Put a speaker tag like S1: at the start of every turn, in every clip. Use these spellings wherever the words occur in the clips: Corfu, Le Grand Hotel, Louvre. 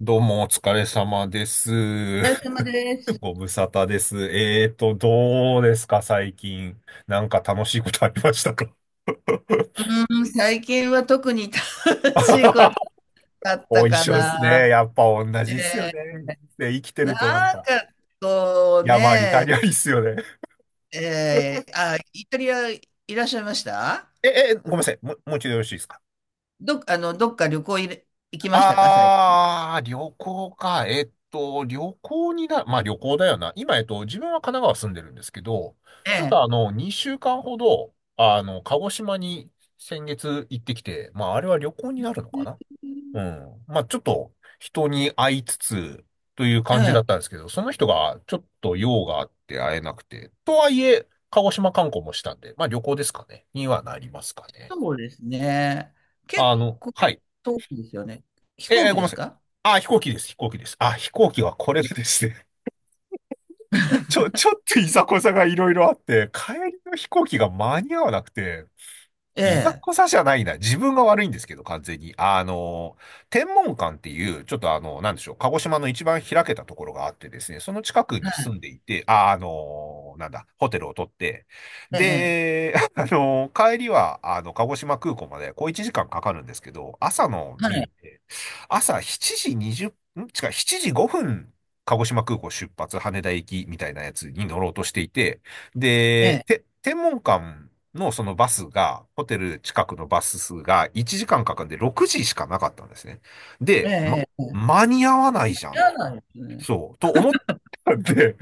S1: どうもお疲れ様です。
S2: お疲れ 様です。
S1: ご無沙汰です。どうですか、最近。なんか楽しいことありましたか？
S2: うーん、最近は特に楽しいこと だった
S1: お一
S2: か
S1: 緒ですね。
S2: な。
S1: やっぱ同じっすよ
S2: え
S1: ね。人
S2: ー
S1: 生生きて
S2: なん
S1: るとなんか、
S2: かこう
S1: 山あり
S2: ね、
S1: 谷ありっすよね。
S2: えーあ、イタリアいらっしゃいました
S1: ごめんなさい。もう一度よろしいですか？
S2: どっか旅行いれ行きましたか、最近？
S1: ああ、旅行か。旅行にな、まあ旅行だよな。今、自分は神奈川住んでるんですけど、
S2: え
S1: ちょっ
S2: え、
S1: と2週間ほど、鹿児島に先月行ってきて、まああれは旅行になるのかな。うん。まあちょっと人に会いつつという
S2: え
S1: 感じ
S2: え、
S1: だったんですけど、その人がちょっと用があって会えなくて、とはいえ、鹿児島観光もしたんで、まあ旅行ですかね。にはなりますかね。
S2: そうですね。結構
S1: はい。
S2: 遠いですよね。飛行
S1: ご
S2: 機
S1: めん
S2: で
S1: な
S2: す
S1: さい。
S2: か？
S1: あ、飛行機です、飛行機です。あ、飛行機はこれでですね、ちょっといざこざがいろいろあって、帰りの飛行機が間に合わなくて、
S2: え
S1: いざ
S2: え、
S1: こざじゃないな。自分が悪いんですけど、完全に。天文館っていう、ちょっとなんでしょう、鹿児島の一番開けたところがあってですね、その近くに住んでいて、あ、なんだ、ホテルを取って、
S2: ええ、
S1: で、帰りは、鹿児島空港まで、こう1時間かんかかるんですけど、朝の
S2: は
S1: 便っ
S2: い、
S1: て、朝7時20、ん違う、7時5分、鹿児島空港出発、羽田行きみたいなやつに乗ろうとしていて、
S2: え
S1: で、
S2: え、
S1: 天文館のそのバスが、ホテル近くのバス数が1時間かんかかんで6時しかなかったんですね。
S2: え
S1: で、ま、
S2: え、ええ、
S1: 間に合わないじゃんっ、
S2: 嫌なんですね。
S1: そう、と思ったんで、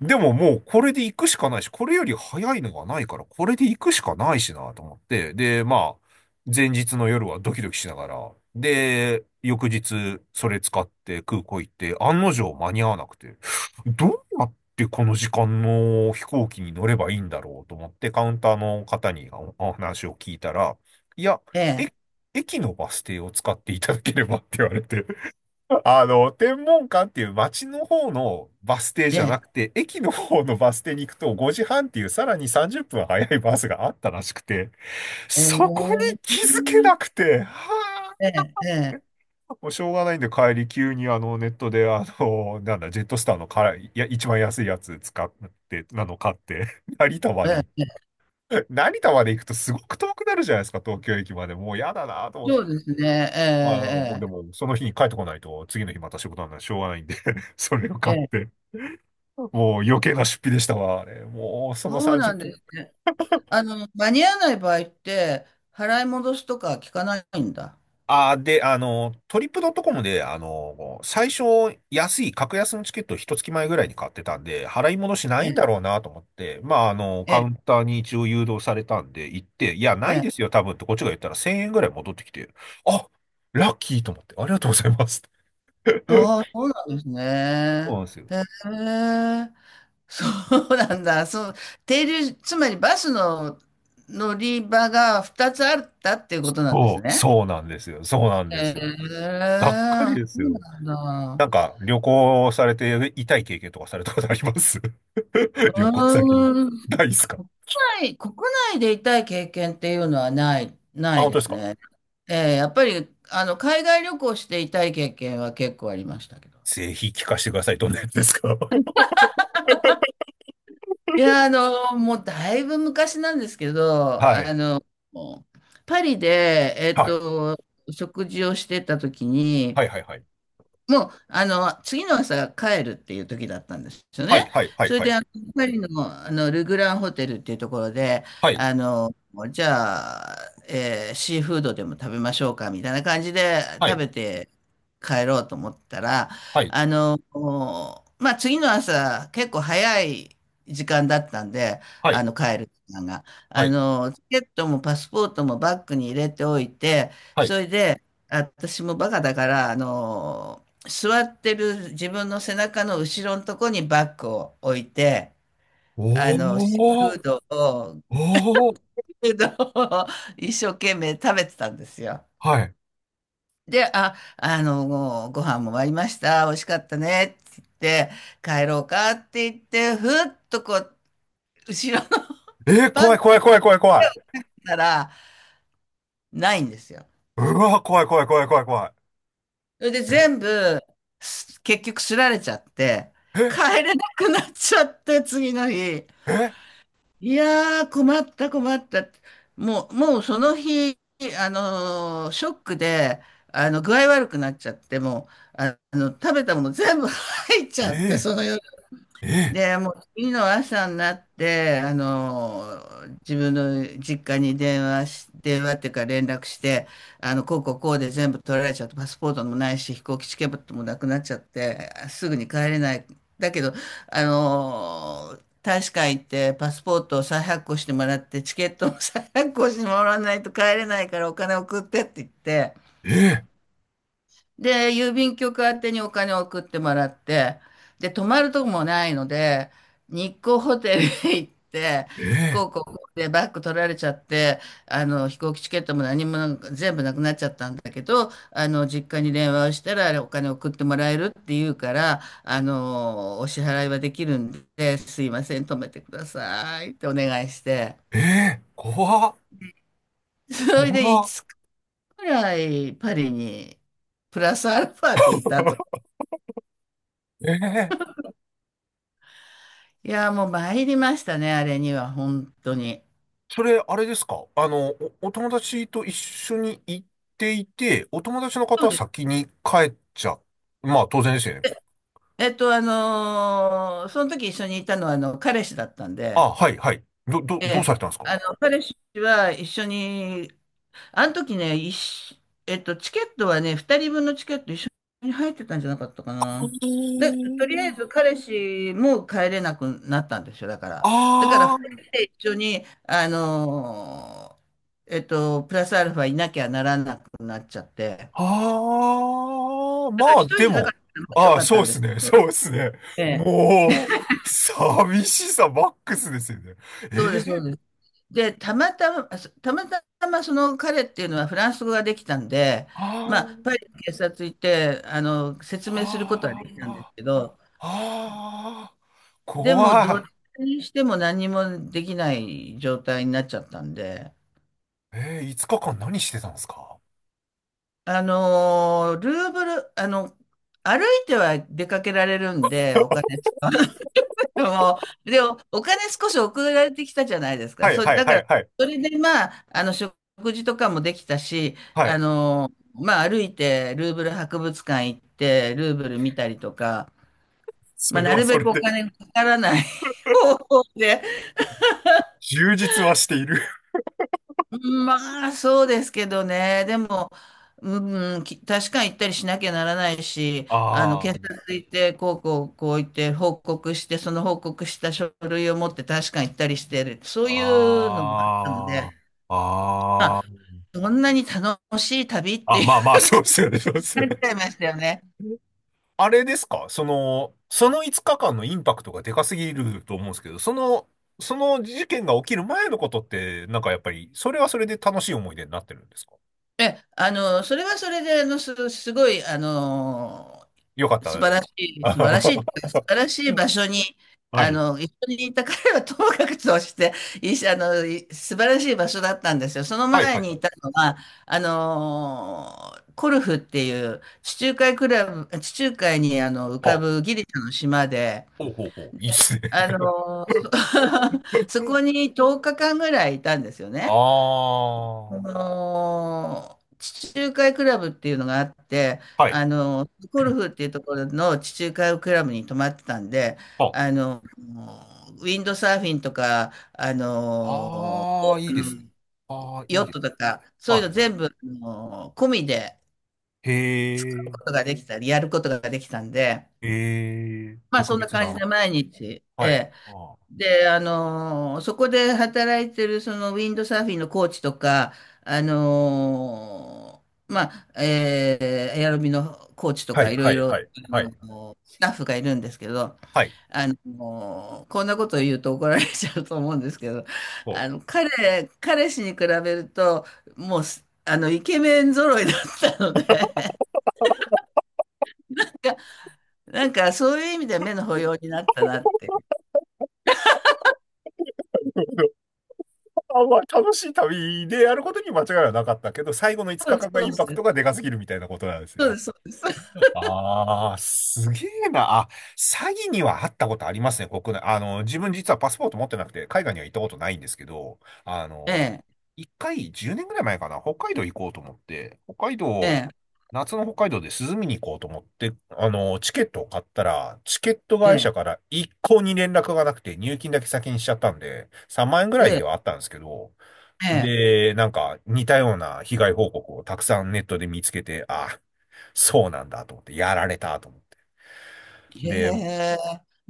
S1: でももうこれで行くしかないし、これより早いのがないから、これで行くしかないしなと思って、で、まあ、前日の夜はドキドキしながら、で、翌日それ使って空港行って、案の定間に合わなくて、どうやってこの時間の飛行機に乗ればいいんだろうと思って、カウンターの方におお話を聞いたら、いや、
S2: え
S1: え、
S2: え、
S1: 駅のバス停を使っていただければって言われて、天文館っていう街の方のバス停じゃ
S2: え
S1: なく
S2: え、
S1: て、駅の方のバス停に行くと5時半っていうさらに30分早いバスがあったらしくて、そこに
S2: ええ、
S1: 気づけなくて、は、
S2: ええ、
S1: あ、もうしょうがないんで帰り急にネットでなんだ、ジェットスターのから、いや、一番安いやつ使って、なの買って、成田まで
S2: え
S1: 行っ
S2: え、ええ、
S1: て、成田まで行くとすごく遠くなるじゃないですか、東京駅まで。もう嫌だなと思って。
S2: そうですね。
S1: まあ、もう
S2: え
S1: で
S2: え、
S1: も、その日に帰ってこないと、次の日また仕事なんでしょうがないんで それを
S2: え
S1: 買っ
S2: え、
S1: て。
S2: ええ、
S1: もう余計な出費でしたわ、あれ。もうその
S2: そうな
S1: 30
S2: んで
S1: 分。
S2: すね。あの、間に合わない場合って、払い戻すとか聞かないんだ。
S1: あー、で、トリップドットコムで、最初安い、格安のチケットを一月前ぐらいに買ってたんで、払い戻しな
S2: え
S1: いんだ
S2: え、
S1: ろうなと思って、まあ、カ
S2: え
S1: ウ
S2: え、
S1: ンターに一応誘導されたんで、行って、いや、ない
S2: え
S1: で
S2: え、
S1: すよ、多分ってこっちが言ったら1000円ぐらい戻ってきて、あ、ラッキーと思って、ありがとうございます。
S2: ああ、そうなんですね。
S1: そうなんですよ。
S2: へえ、そうなんだ。そう、停留、つまりバスの乗り場が2つあったっていうことなんです
S1: そう、
S2: ね。
S1: そうなんですよ。そうなん
S2: へ
S1: ですよ。
S2: え、
S1: がっかりです
S2: そう
S1: よ。
S2: なん
S1: なん
S2: だ。
S1: か、旅行されて痛い経験とかされたことあります？
S2: う
S1: 旅行先で。
S2: ーん
S1: ないですか？
S2: 国内、国内で痛い経験っていうのはない、な
S1: あ、
S2: い
S1: 本当
S2: で
S1: です
S2: す
S1: か？
S2: ね。やっぱり、あの、海外旅行して痛い経験は結構ありましたけど。
S1: ぜひ聞かせてください。どんなやつですか？
S2: いや、あの、もうだいぶ昔なんですけ ど、
S1: は
S2: あ
S1: い。
S2: の、パリで、
S1: はい。
S2: 食事をしてた時
S1: は
S2: に、
S1: い、はい、はい。
S2: もう、あの、次の朝帰るっていう時だったんですよ
S1: はい、
S2: ね。
S1: はい、は
S2: そ
S1: い、
S2: れ
S1: は
S2: で、
S1: い。
S2: あのパリの、あのルグランホテルっていうところで、
S1: はい、
S2: あの、じゃあ、シーフードでも食べましょうか、みたいな感じで食
S1: は
S2: べて帰ろうと思ったら、
S1: い、
S2: あの、まあ、次の朝、結構早い時間だったんで、
S1: は
S2: あ
S1: い、
S2: の、帰る時間が。
S1: は
S2: あ
S1: い、はい、
S2: の、チケットもパスポートもバッグに入れておいて、
S1: は
S2: そ
S1: い。
S2: れで、私もバカだから、あの座ってる自分の背中の後ろのとこにバッグを置いて、あ
S1: お
S2: の、シーフ
S1: ー、
S2: ードを、
S1: おー、
S2: フードを一生懸命食べてたんですよ。
S1: はい。
S2: で、あ、あの、ご飯も終わりました。美味しかったね。って言って、帰ろうかって言って、ふっとこう、後ろの
S1: えー、
S2: バ
S1: 怖い、
S2: ッグ
S1: 怖い、怖い、怖い、怖い。
S2: からないんですよ。
S1: うわー、怖い、怖い、怖い、怖い、怖い。
S2: それで全部、結局すられちゃって、
S1: え、
S2: 帰れなくなっちゃって、次の日。
S1: え、
S2: いやー、困った、困った。もうその日、あのーショックで、あの、具合悪くなっちゃって、もう、あの、食べたもの全部 入っち
S1: え
S2: ゃって、その夜。
S1: ー、え
S2: で、もう次の朝になって、あの、自分の実家に電話し、電話っていうか連絡して、あの、こうこうこうで全部取られちゃって、パスポートもないし、飛行機チケットもなくなっちゃって、すぐに帰れない。だけど、あの、大使館行ってパスポートを再発行してもらって、チケットも再発行してもらわないと帰れないからお金送ってって言って、
S1: ー、え
S2: で、郵便局宛てにお金を送ってもらって、で、泊まるとこもないので、日光ホテルへ行って、
S1: ー、
S2: こ
S1: え
S2: うこうこうでバッグ取られちゃって、あの、飛行機チケットも何もなんか全部なくなっちゃったんだけど、あの、実家に電話をしたら、あれお金送ってもらえるって言うから、あの、お支払いはできるんで、すいません、泊めてくださいってお願いして、
S1: ー、えー、怖っ、
S2: それでい
S1: 怖
S2: つつ
S1: っ。
S2: くらいパリに、プラスアルファでいたと。
S1: えー、
S2: いや、もう参りましたね、あれには、本当に。
S1: それ、あれですか？お友達と一緒に行っていて、お友達の方
S2: そう
S1: は
S2: です。
S1: 先に帰っちゃ、まあ当然ですよね。
S2: えっと、あのーその時一緒にいたのは、あの、彼氏だったんで、
S1: あ、はい、はい。
S2: え
S1: どう
S2: え、
S1: されたんですか？
S2: あの、彼氏は一緒に、あの時ね、一緒えっと、チケットはね、2人分のチケット一緒に入ってたんじゃなかったかな。で、とりあえず彼氏も帰れなくなったんですよ、だから。だから、
S1: あ
S2: 2
S1: あ、
S2: 人で一緒に、あのーえっと、プラスアルファいなきゃならなくなっちゃって。
S1: ああ、
S2: だ
S1: ま
S2: から
S1: あ
S2: 一人
S1: で
S2: じゃなかっ
S1: も、
S2: たらまだよ
S1: ああ、
S2: かっ
S1: そう
S2: た
S1: で
S2: んで
S1: す
S2: すけ
S1: ね、
S2: ど。
S1: そうですね。
S2: ええ、
S1: もう、寂しさマックスですよね。
S2: そうで
S1: え
S2: す、そうで
S1: え、
S2: す。で、たまたま、その彼っていうのはフランス語ができたんで、
S1: あ
S2: まあ、パリの警察行って、あの、説明することは
S1: あ、
S2: できたんです
S1: ああ、
S2: けど、
S1: ああ、
S2: でも、どっ
S1: 怖
S2: ちにしても何もできない状態になっちゃったんで、
S1: い。えー、5日間何してたんですか？
S2: あの、ルーブル、あの、歩いては出かけられるんで、お金使う。でも、でもお金少し送られてきたじゃないですか。
S1: はい
S2: そ、
S1: はい
S2: だか
S1: は
S2: ら、
S1: いはい。
S2: それでまあ、あの、食事とかもできたし、
S1: は
S2: あ
S1: い。
S2: の、まあ、歩いて、ルーブル博物館行って、ルーブル見たりとか、
S1: そ
S2: まあ、
S1: れ
S2: な
S1: は
S2: る
S1: そ
S2: べ
S1: れ
S2: くお
S1: で
S2: 金かからない 方法で。
S1: 充実はしている。
S2: まあ、そうですけどね。でも、うん、確かに行ったりしなきゃならないし、あの、警
S1: あ
S2: 察行って、こうこう、こう言って、報告して、その報告した書類を持って確かに行ったりしてる。そういうのもあったので、
S1: あ、あ
S2: まあ、
S1: あ、ああ。
S2: そんなに楽しい旅って
S1: あ、
S2: いう
S1: まあまあ、そうですよね、そうで すよ
S2: なっち
S1: ね。
S2: ゃいましたよね。
S1: あれですかその、その5日間のインパクトがでかすぎると思うんですけど、その、その事件が起きる前のことって、なんかやっぱり、それはそれで楽しい思い出になってるんですか？
S2: え、あの、それはそれで、あの、す、すごい、あの、
S1: よかった。
S2: 素晴らしい場所に、
S1: は
S2: あ
S1: い。
S2: の、一緒にいた彼はともかくとして、いい、あの、素晴らしい場所だったんですよ。その
S1: はいは
S2: 前
S1: い
S2: に
S1: は
S2: い
S1: い。
S2: たのは、あの、コルフっていう地中海クラブ、地中海にあの浮か
S1: あ、
S2: ぶギリシャの島で、
S1: ほうほうほう。いいっすね。
S2: あの、そこに10日間ぐらいいたんですよね。あ
S1: あ
S2: のー地中海クラブっていうのがあって、
S1: あ、はい。
S2: あの、ゴル フっていうところの地中海クラブに泊まってたんで、
S1: あ、
S2: あの、ウィンドサーフィンとか、あの、
S1: ああー、いい
S2: う
S1: で
S2: う
S1: すね。
S2: ん、
S1: ああ、い
S2: ヨ
S1: い
S2: ッ
S1: です。
S2: トとか、そういう
S1: は
S2: の
S1: い、はい。
S2: 全部、あの、込みで
S1: へえ、
S2: やることができたんで、
S1: へえ、
S2: まあ
S1: 特
S2: そんな
S1: 別
S2: 感じ
S1: な。
S2: で毎日、え
S1: はい。
S2: え。
S1: あー、
S2: で、あのそこで働いてるそのウィンドサーフィンのコーチとか、あの、まあ、エアロビのコーチと
S1: は
S2: か
S1: い、
S2: いろ
S1: は
S2: い
S1: い、
S2: ろ、
S1: はい、
S2: あ
S1: はい。
S2: のスタッフがいるんですけど、
S1: はい。
S2: あのこんなことを言うと怒られちゃうと思うんですけど、
S1: ほう。
S2: あの、彼氏に比べると、もうす、あの、イケメン揃いだったので、なんかそういう意味では目の保養になったなって。
S1: あんま楽しい旅でやることに間違いはなかったけど、最後の5
S2: そうで
S1: 日
S2: す、
S1: 間が
S2: そ
S1: イ
S2: う
S1: ン
S2: で
S1: パクトが
S2: す。
S1: でかすぎるみたいなことなんです
S2: そう
S1: ね。
S2: です、そうです。
S1: ああ、すげえな。あ、詐欺にはあったことありますね、国内。自分実はパスポート持ってなくて、海外には行ったことないんですけど、
S2: ええ、
S1: 一回、10年ぐらい前かな、北海道行こうと思って、北海
S2: え
S1: 道、
S2: え、
S1: 夏の北海道で涼みに行こうと思って、チケットを買ったら、チケット会
S2: ええ、
S1: 社から一向に連絡がなくて、入金だけ先にしちゃったんで、3万円ぐら
S2: え
S1: いで
S2: え、
S1: はあったんですけど、
S2: ええ。
S1: で、なんか似たような被害報告をたくさんネットで見つけて、あ、そうなんだと思って、やられたと思って。
S2: へ
S1: で、
S2: え。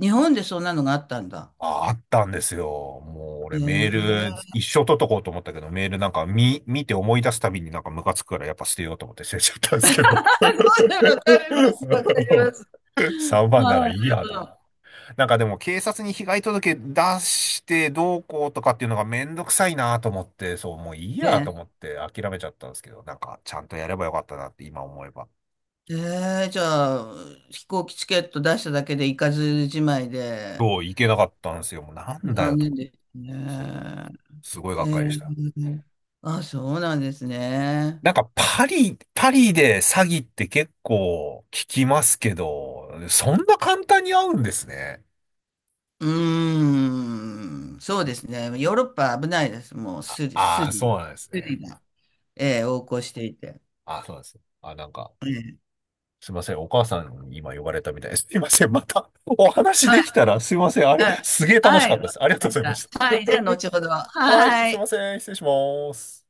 S2: 日本でそんなのがあったんだ。
S1: あ、あったんですよ。もう
S2: へ
S1: 俺
S2: え。
S1: メール一生取っとこうと思ったけど、メールなんか見て思い出すたびになんかムカつくからやっぱ捨てようと思って捨てちゃったんですけど。
S2: わかります、わかります。
S1: 3番な
S2: はい、
S1: ら
S2: な
S1: い
S2: る
S1: いや
S2: ほ
S1: と、
S2: ど。
S1: なんかでも警察に被害届出してどうこうとかっていうのがめんどくさいなと思って、そう、もういい
S2: え
S1: やと
S2: え。
S1: 思って諦めちゃったんですけど、なんかちゃんとやればよかったなって今思えば。
S2: ええ、じゃあ、飛行機チケット出しただけで行かずじまいで、
S1: そう、いけなかったんですよ。もうなんだ
S2: 残
S1: よと
S2: 念
S1: 思って。
S2: です
S1: そ
S2: ね。
S1: う。すごい
S2: え
S1: がっかり
S2: え。
S1: でした。
S2: あ、そうなんですね。
S1: なんかパリ、パリで詐欺って結構聞きますけど、そんな簡単に会うんですね。
S2: うーん、そうですね。ヨーロッパ危ないです。もう
S1: あ、
S2: スリ、
S1: あ
S2: ス
S1: ーそ
S2: リ、
S1: うなんです
S2: ス
S1: ね。
S2: リが、ええ、横行していて。
S1: あ、そうなんです。あ、なんか。すいません、お母さんに今呼ばれたみたいです。すいません、またお話
S2: は
S1: で
S2: い、
S1: きたら、すいません、あれ、
S2: はい。
S1: すげえ楽し
S2: は
S1: かっ
S2: い、
S1: た
S2: わ
S1: で
S2: か
S1: す。ありがと
S2: り
S1: う
S2: ま
S1: ご
S2: し
S1: ざいま
S2: た。
S1: し
S2: はい、じゃあ、後ほど。
S1: た。はい、
S2: は
S1: すいま
S2: い。
S1: せん、失礼します。